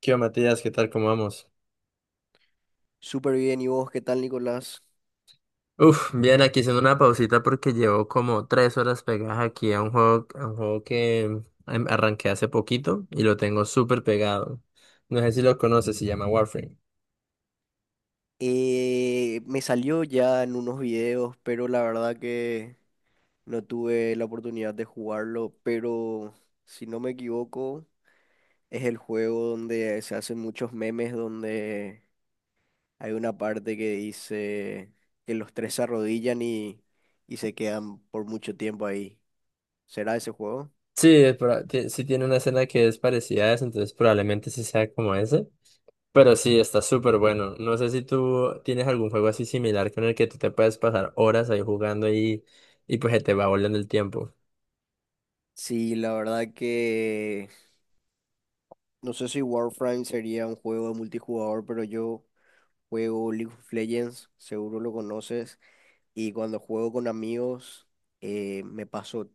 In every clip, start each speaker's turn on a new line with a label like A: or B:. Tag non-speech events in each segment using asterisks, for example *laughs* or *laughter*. A: ¿Qué onda, Matías? ¿Qué tal? ¿Cómo vamos?
B: Súper bien, ¿y vos qué tal, Nicolás?
A: Uf, bien, aquí haciendo una pausita porque llevo como 3 horas pegadas aquí a un juego que arranqué hace poquito y lo tengo súper pegado. No sé si lo conoces, se llama Warframe.
B: Me salió ya en unos videos, pero la verdad que no tuve la oportunidad de jugarlo, pero si no me equivoco, es el juego donde se hacen muchos memes, donde hay una parte que dice que los tres se arrodillan y se quedan por mucho tiempo ahí. ¿Será ese juego?
A: Sí, sí tiene una escena que es parecida a esa, entonces probablemente sí sea como ese. Pero sí, está súper bueno. No sé si tú tienes algún juego así similar con el que tú te puedes pasar horas ahí jugando y pues se te va volando el tiempo.
B: Sí, la verdad que no sé si Warframe sería un juego de multijugador, pero yo... Juego League of Legends, seguro lo conoces. Y cuando juego con amigos, me paso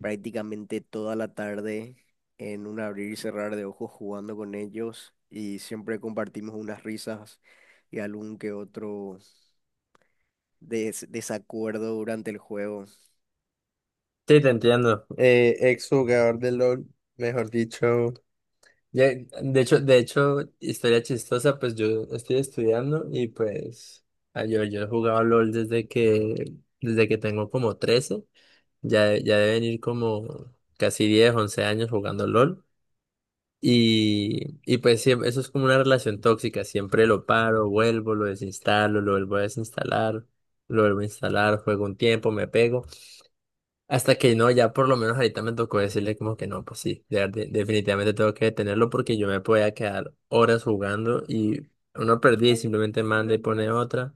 B: prácticamente toda la tarde en un abrir y cerrar de ojos jugando con ellos. Y siempre compartimos unas risas y algún que otro desacuerdo durante el juego.
A: Sí, te entiendo. Ex jugador de LOL, mejor dicho. Ya, de hecho, historia chistosa, pues yo estoy estudiando y pues yo he jugado LOL desde que, tengo como 13, ya deben ir como casi 10, 11 años jugando LOL y pues eso es como una relación tóxica, siempre lo paro, vuelvo, lo desinstalo, lo vuelvo a desinstalar, lo vuelvo a instalar, juego un tiempo, me pego. Hasta que no, ya por lo menos ahorita me tocó decirle como que no, pues sí, definitivamente tengo que detenerlo porque yo me podía quedar horas jugando y uno perdía y simplemente manda y pone otra,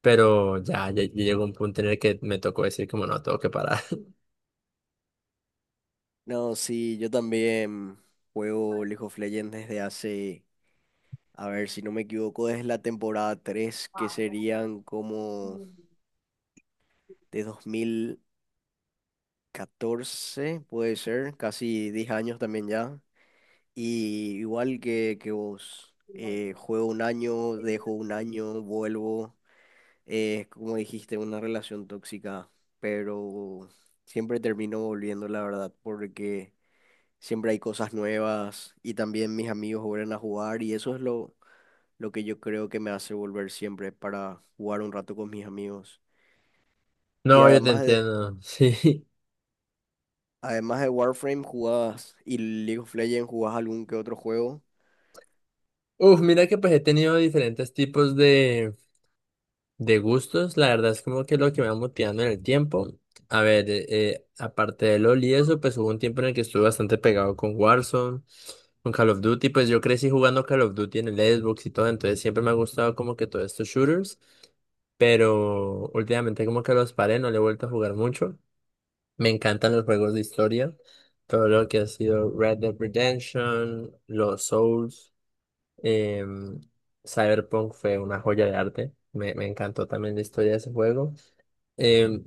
A: pero ya, ya, ya llegó un punto en el que me tocó decir como no, tengo que parar. *laughs*
B: No, sí, yo también juego League of Legends desde hace, a ver si no me equivoco, desde la temporada 3, que serían como de dos mil catorce, puede ser, casi 10 años también ya. Y igual que vos, juego un año, dejo un año, vuelvo. Eh, como dijiste, una relación tóxica, pero siempre termino volviendo, la verdad, porque siempre hay cosas nuevas y también mis amigos vuelven a jugar y eso es lo que yo creo que me hace volver siempre para jugar un rato con mis amigos. Y
A: No, yo te
B: además
A: entiendo, *laughs* sí.
B: Además de Warframe, jugabas y League of Legends, jugabas algún que otro juego.
A: Uf, mira que pues he tenido diferentes tipos de gustos, la verdad es como que lo que me va motivando en el tiempo. A ver, aparte de LoL y eso, pues hubo un tiempo en el que estuve bastante pegado con Warzone, con Call of Duty, pues yo crecí jugando Call of Duty en el Xbox y todo, entonces siempre me ha gustado como que todos estos shooters, pero últimamente como que los paré, no le he vuelto a jugar mucho. Me encantan los juegos de historia, todo lo que ha sido Red Dead Redemption, los Souls. Eh, Cyberpunk fue una joya de arte. Me encantó también la historia de ese juego. Eh,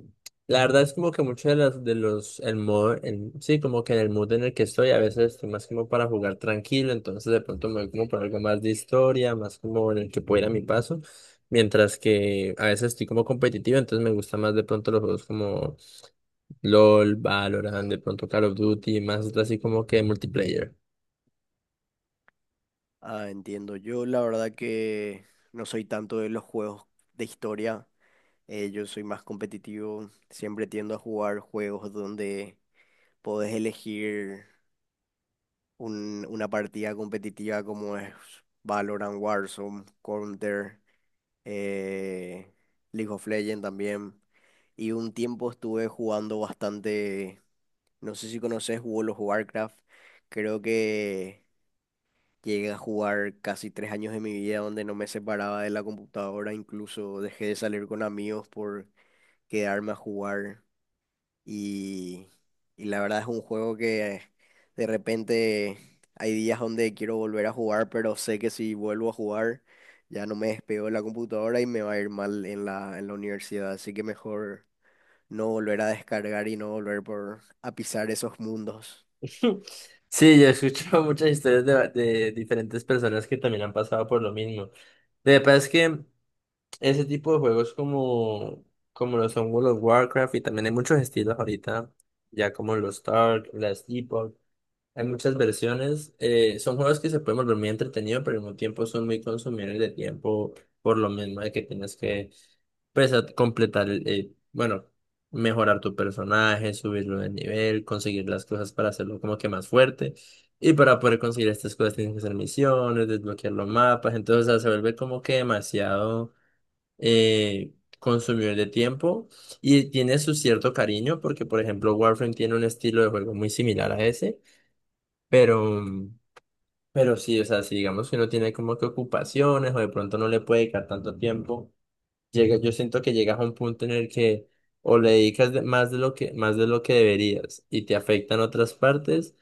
A: la verdad es como que muchos de los, el modo, sí, como que en el mood en el que estoy, a veces estoy más como para jugar tranquilo, entonces de pronto me voy como por algo más de historia, más como en el que pueda ir a mi paso, mientras que a veces estoy como competitivo, entonces me gusta más de pronto los juegos como LOL, Valorant, de pronto Call of Duty, más así como que multiplayer.
B: Ah, entiendo. Yo la verdad que no soy tanto de los juegos de historia. Yo soy más competitivo. Siempre tiendo a jugar juegos donde podés elegir una partida competitiva como es Valorant, Warzone, Counter. eh, League of Legends también. Y un tiempo estuve jugando bastante, no sé si conoces World of Warcraft, creo que llegué a jugar casi tres años de mi vida donde no me separaba de la computadora, incluso dejé de salir con amigos por quedarme a jugar. Y, y la verdad es un juego que de repente hay días donde quiero volver a jugar, pero sé que si vuelvo a jugar ya no me despego de la computadora y me va a ir mal en en la universidad. Así que mejor no volver a descargar y no volver por, a pisar esos mundos.
A: *laughs* Sí, yo he escuchado muchas historias de diferentes personas que también han pasado por lo mismo. De verdad es que ese tipo de juegos como lo son World of Warcraft y también hay muchos estilos ahorita, ya como los Tark, las Epoch. Hay muchas versiones. Son juegos que se pueden volver muy entretenidos, pero al mismo tiempo son muy consumidores de tiempo por lo mismo de que tienes que pues, completar, bueno, mejorar tu personaje, subirlo de nivel, conseguir las cosas para hacerlo como que más fuerte. Y para poder conseguir estas cosas tienes que hacer misiones, desbloquear los mapas. Entonces, o sea, se vuelve como que demasiado eh, consumidor de tiempo. Y tiene su cierto cariño, porque por ejemplo, Warframe tiene un estilo de juego muy similar a ese. Pero, pero sí, o sea, si digamos que no tiene como que ocupaciones o de pronto no le puede dedicar tanto tiempo, llega, yo siento que llegas a un punto en el que o le dedicas más de lo que, deberías y te afectan otras partes,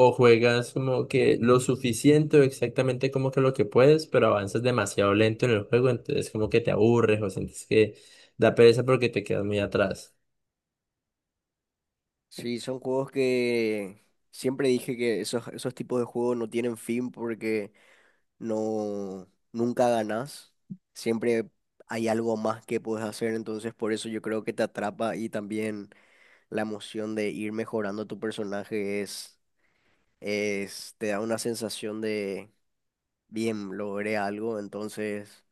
A: o juegas como que lo suficiente o exactamente como que lo que puedes, pero avanzas demasiado lento en el juego, entonces como que te aburres o sientes que da pereza porque te quedas muy atrás.
B: Sí, son juegos que siempre dije que esos tipos de juegos no tienen fin porque no, nunca ganas, siempre hay algo más que puedes hacer, entonces por eso yo creo que te atrapa y también la emoción de ir mejorando tu personaje es, te da una sensación de, bien, logré algo, entonces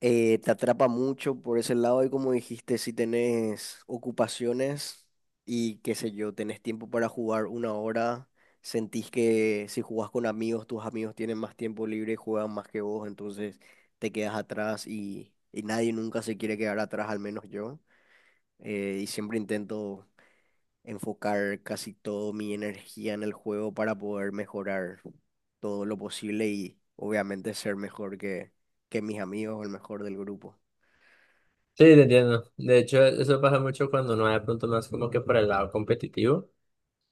B: te atrapa mucho por ese lado y, como dijiste, si tenés ocupaciones y qué sé yo, tenés tiempo para jugar una hora, sentís que si jugás con amigos, tus amigos tienen más tiempo libre y juegan más que vos, entonces te quedas atrás y nadie nunca se quiere quedar atrás, al menos yo. Y siempre intento enfocar casi toda mi energía en el juego para poder mejorar todo lo posible y obviamente ser mejor que mis amigos o el mejor del grupo.
A: Sí, te entiendo. De hecho, eso pasa mucho cuando no hay de pronto más como que por el lado competitivo.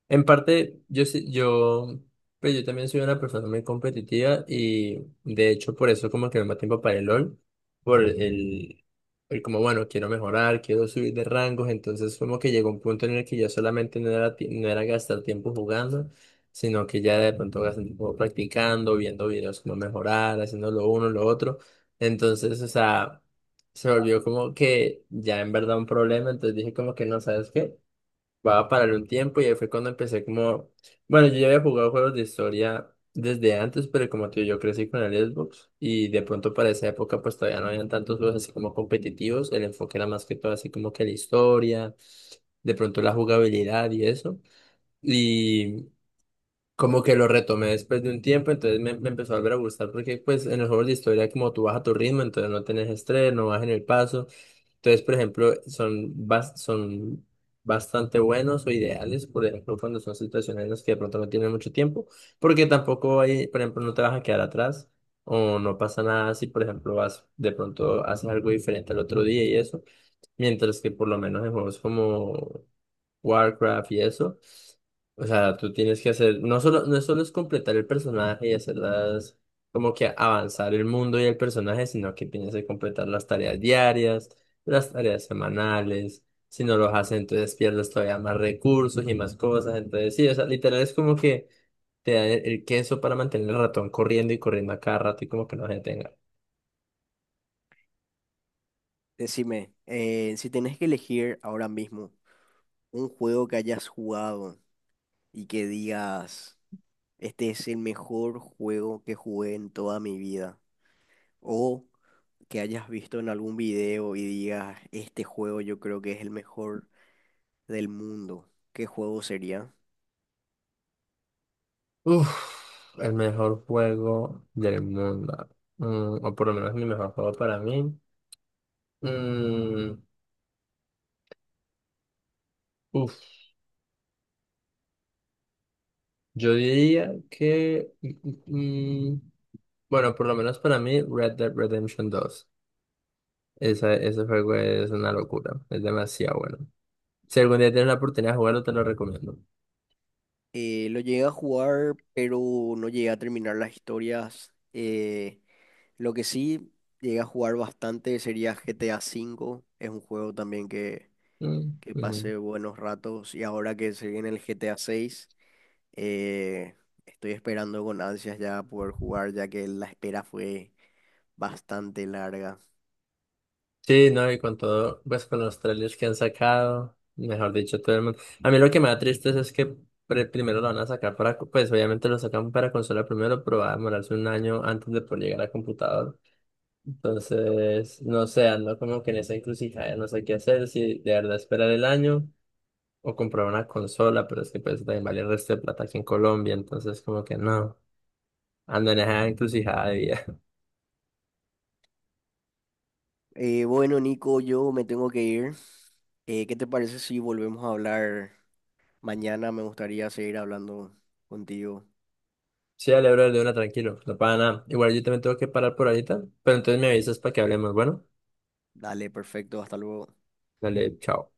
A: En parte, yo, pero yo también soy una persona muy competitiva y de hecho por eso como que me da tiempo para el LOL, por el como, bueno, quiero mejorar, quiero subir de rangos, entonces como que llegó un punto en el que ya solamente no era gastar tiempo jugando, sino que ya de pronto gastar tiempo practicando, viendo videos como mejorar, haciendo lo uno, lo otro. Entonces, o sea, se volvió como que ya en verdad un problema, entonces dije como que no, ¿sabes qué? Va a parar un tiempo y ahí fue cuando empecé como, bueno, yo ya había jugado juegos de historia desde antes, pero como tú yo crecí con el Xbox y de pronto para esa época pues todavía no habían tantos juegos así como competitivos, el enfoque era más que todo así como que la historia, de pronto la jugabilidad y eso. Y como que lo retomé después de un tiempo, entonces me empezó a volver a gustar porque pues en los juegos de historia como tú vas a tu ritmo, entonces no tenés estrés, no vas en el paso. Entonces, por ejemplo, son bastante buenos o ideales, por ejemplo, cuando son situaciones en las que de pronto no tienes mucho tiempo, porque tampoco hay, por ejemplo, no te vas a quedar atrás o no pasa nada si, por ejemplo, vas de pronto haces algo diferente al otro día y eso. Mientras que por lo menos en juegos como Warcraft y eso, o sea, tú tienes que hacer, no solo es completar el personaje y hacerlas, como que avanzar el mundo y el personaje, sino que tienes que completar las tareas diarias, las tareas semanales. Si no los haces, entonces pierdes todavía más recursos y más cosas. Entonces, sí, o sea, literal es como que te da el queso para mantener el ratón corriendo y corriendo a cada rato y como que no se detenga.
B: Decime, si tenés que elegir ahora mismo un juego que hayas jugado y que digas, este es el mejor juego que jugué en toda mi vida, o que hayas visto en algún video y digas, este juego yo creo que es el mejor del mundo, ¿qué juego sería?
A: Uf, el mejor juego del mundo. O por lo menos mi mejor juego para mí. Mm, Uf, yo diría que, bueno, por lo menos para mí, Red Dead Redemption 2. Ese juego es una locura. Es demasiado bueno. Si algún día tienes la oportunidad de jugarlo, te lo recomiendo.
B: Lo llegué a jugar, pero no llegué a terminar las historias. Lo que sí llegué a jugar bastante sería GTA V, es un juego también
A: Mm,
B: que
A: ujú.
B: pase buenos ratos, y ahora que se viene el GTA 6, eh, estoy esperando con ansias ya poder jugar, ya que la espera fue bastante larga.
A: Sí, no, y con todo, pues con los trailers que han sacado, mejor dicho, todo el mundo. A mí lo que me da triste es, que primero lo van a sacar para, pues obviamente lo sacan para consola primero, pero va a demorarse un año antes de poder llegar a computador. Entonces, no sé, ando como que en esa encrucijada, no sé qué hacer, si de verdad esperar el año o comprar una consola, pero es que pues también vale el resto de plata aquí en Colombia, entonces como que no, ando en esa encrucijada.
B: Bueno, Nico, yo me tengo que ir. ¿Qué te parece si volvemos a hablar mañana? Me gustaría seguir hablando contigo.
A: Sí, dale, bro, de una, tranquilo, no pasa nada. Igual yo también tengo que parar por ahorita, pero entonces me avisas para que hablemos. Bueno,
B: Dale, perfecto, hasta luego.
A: dale, chao.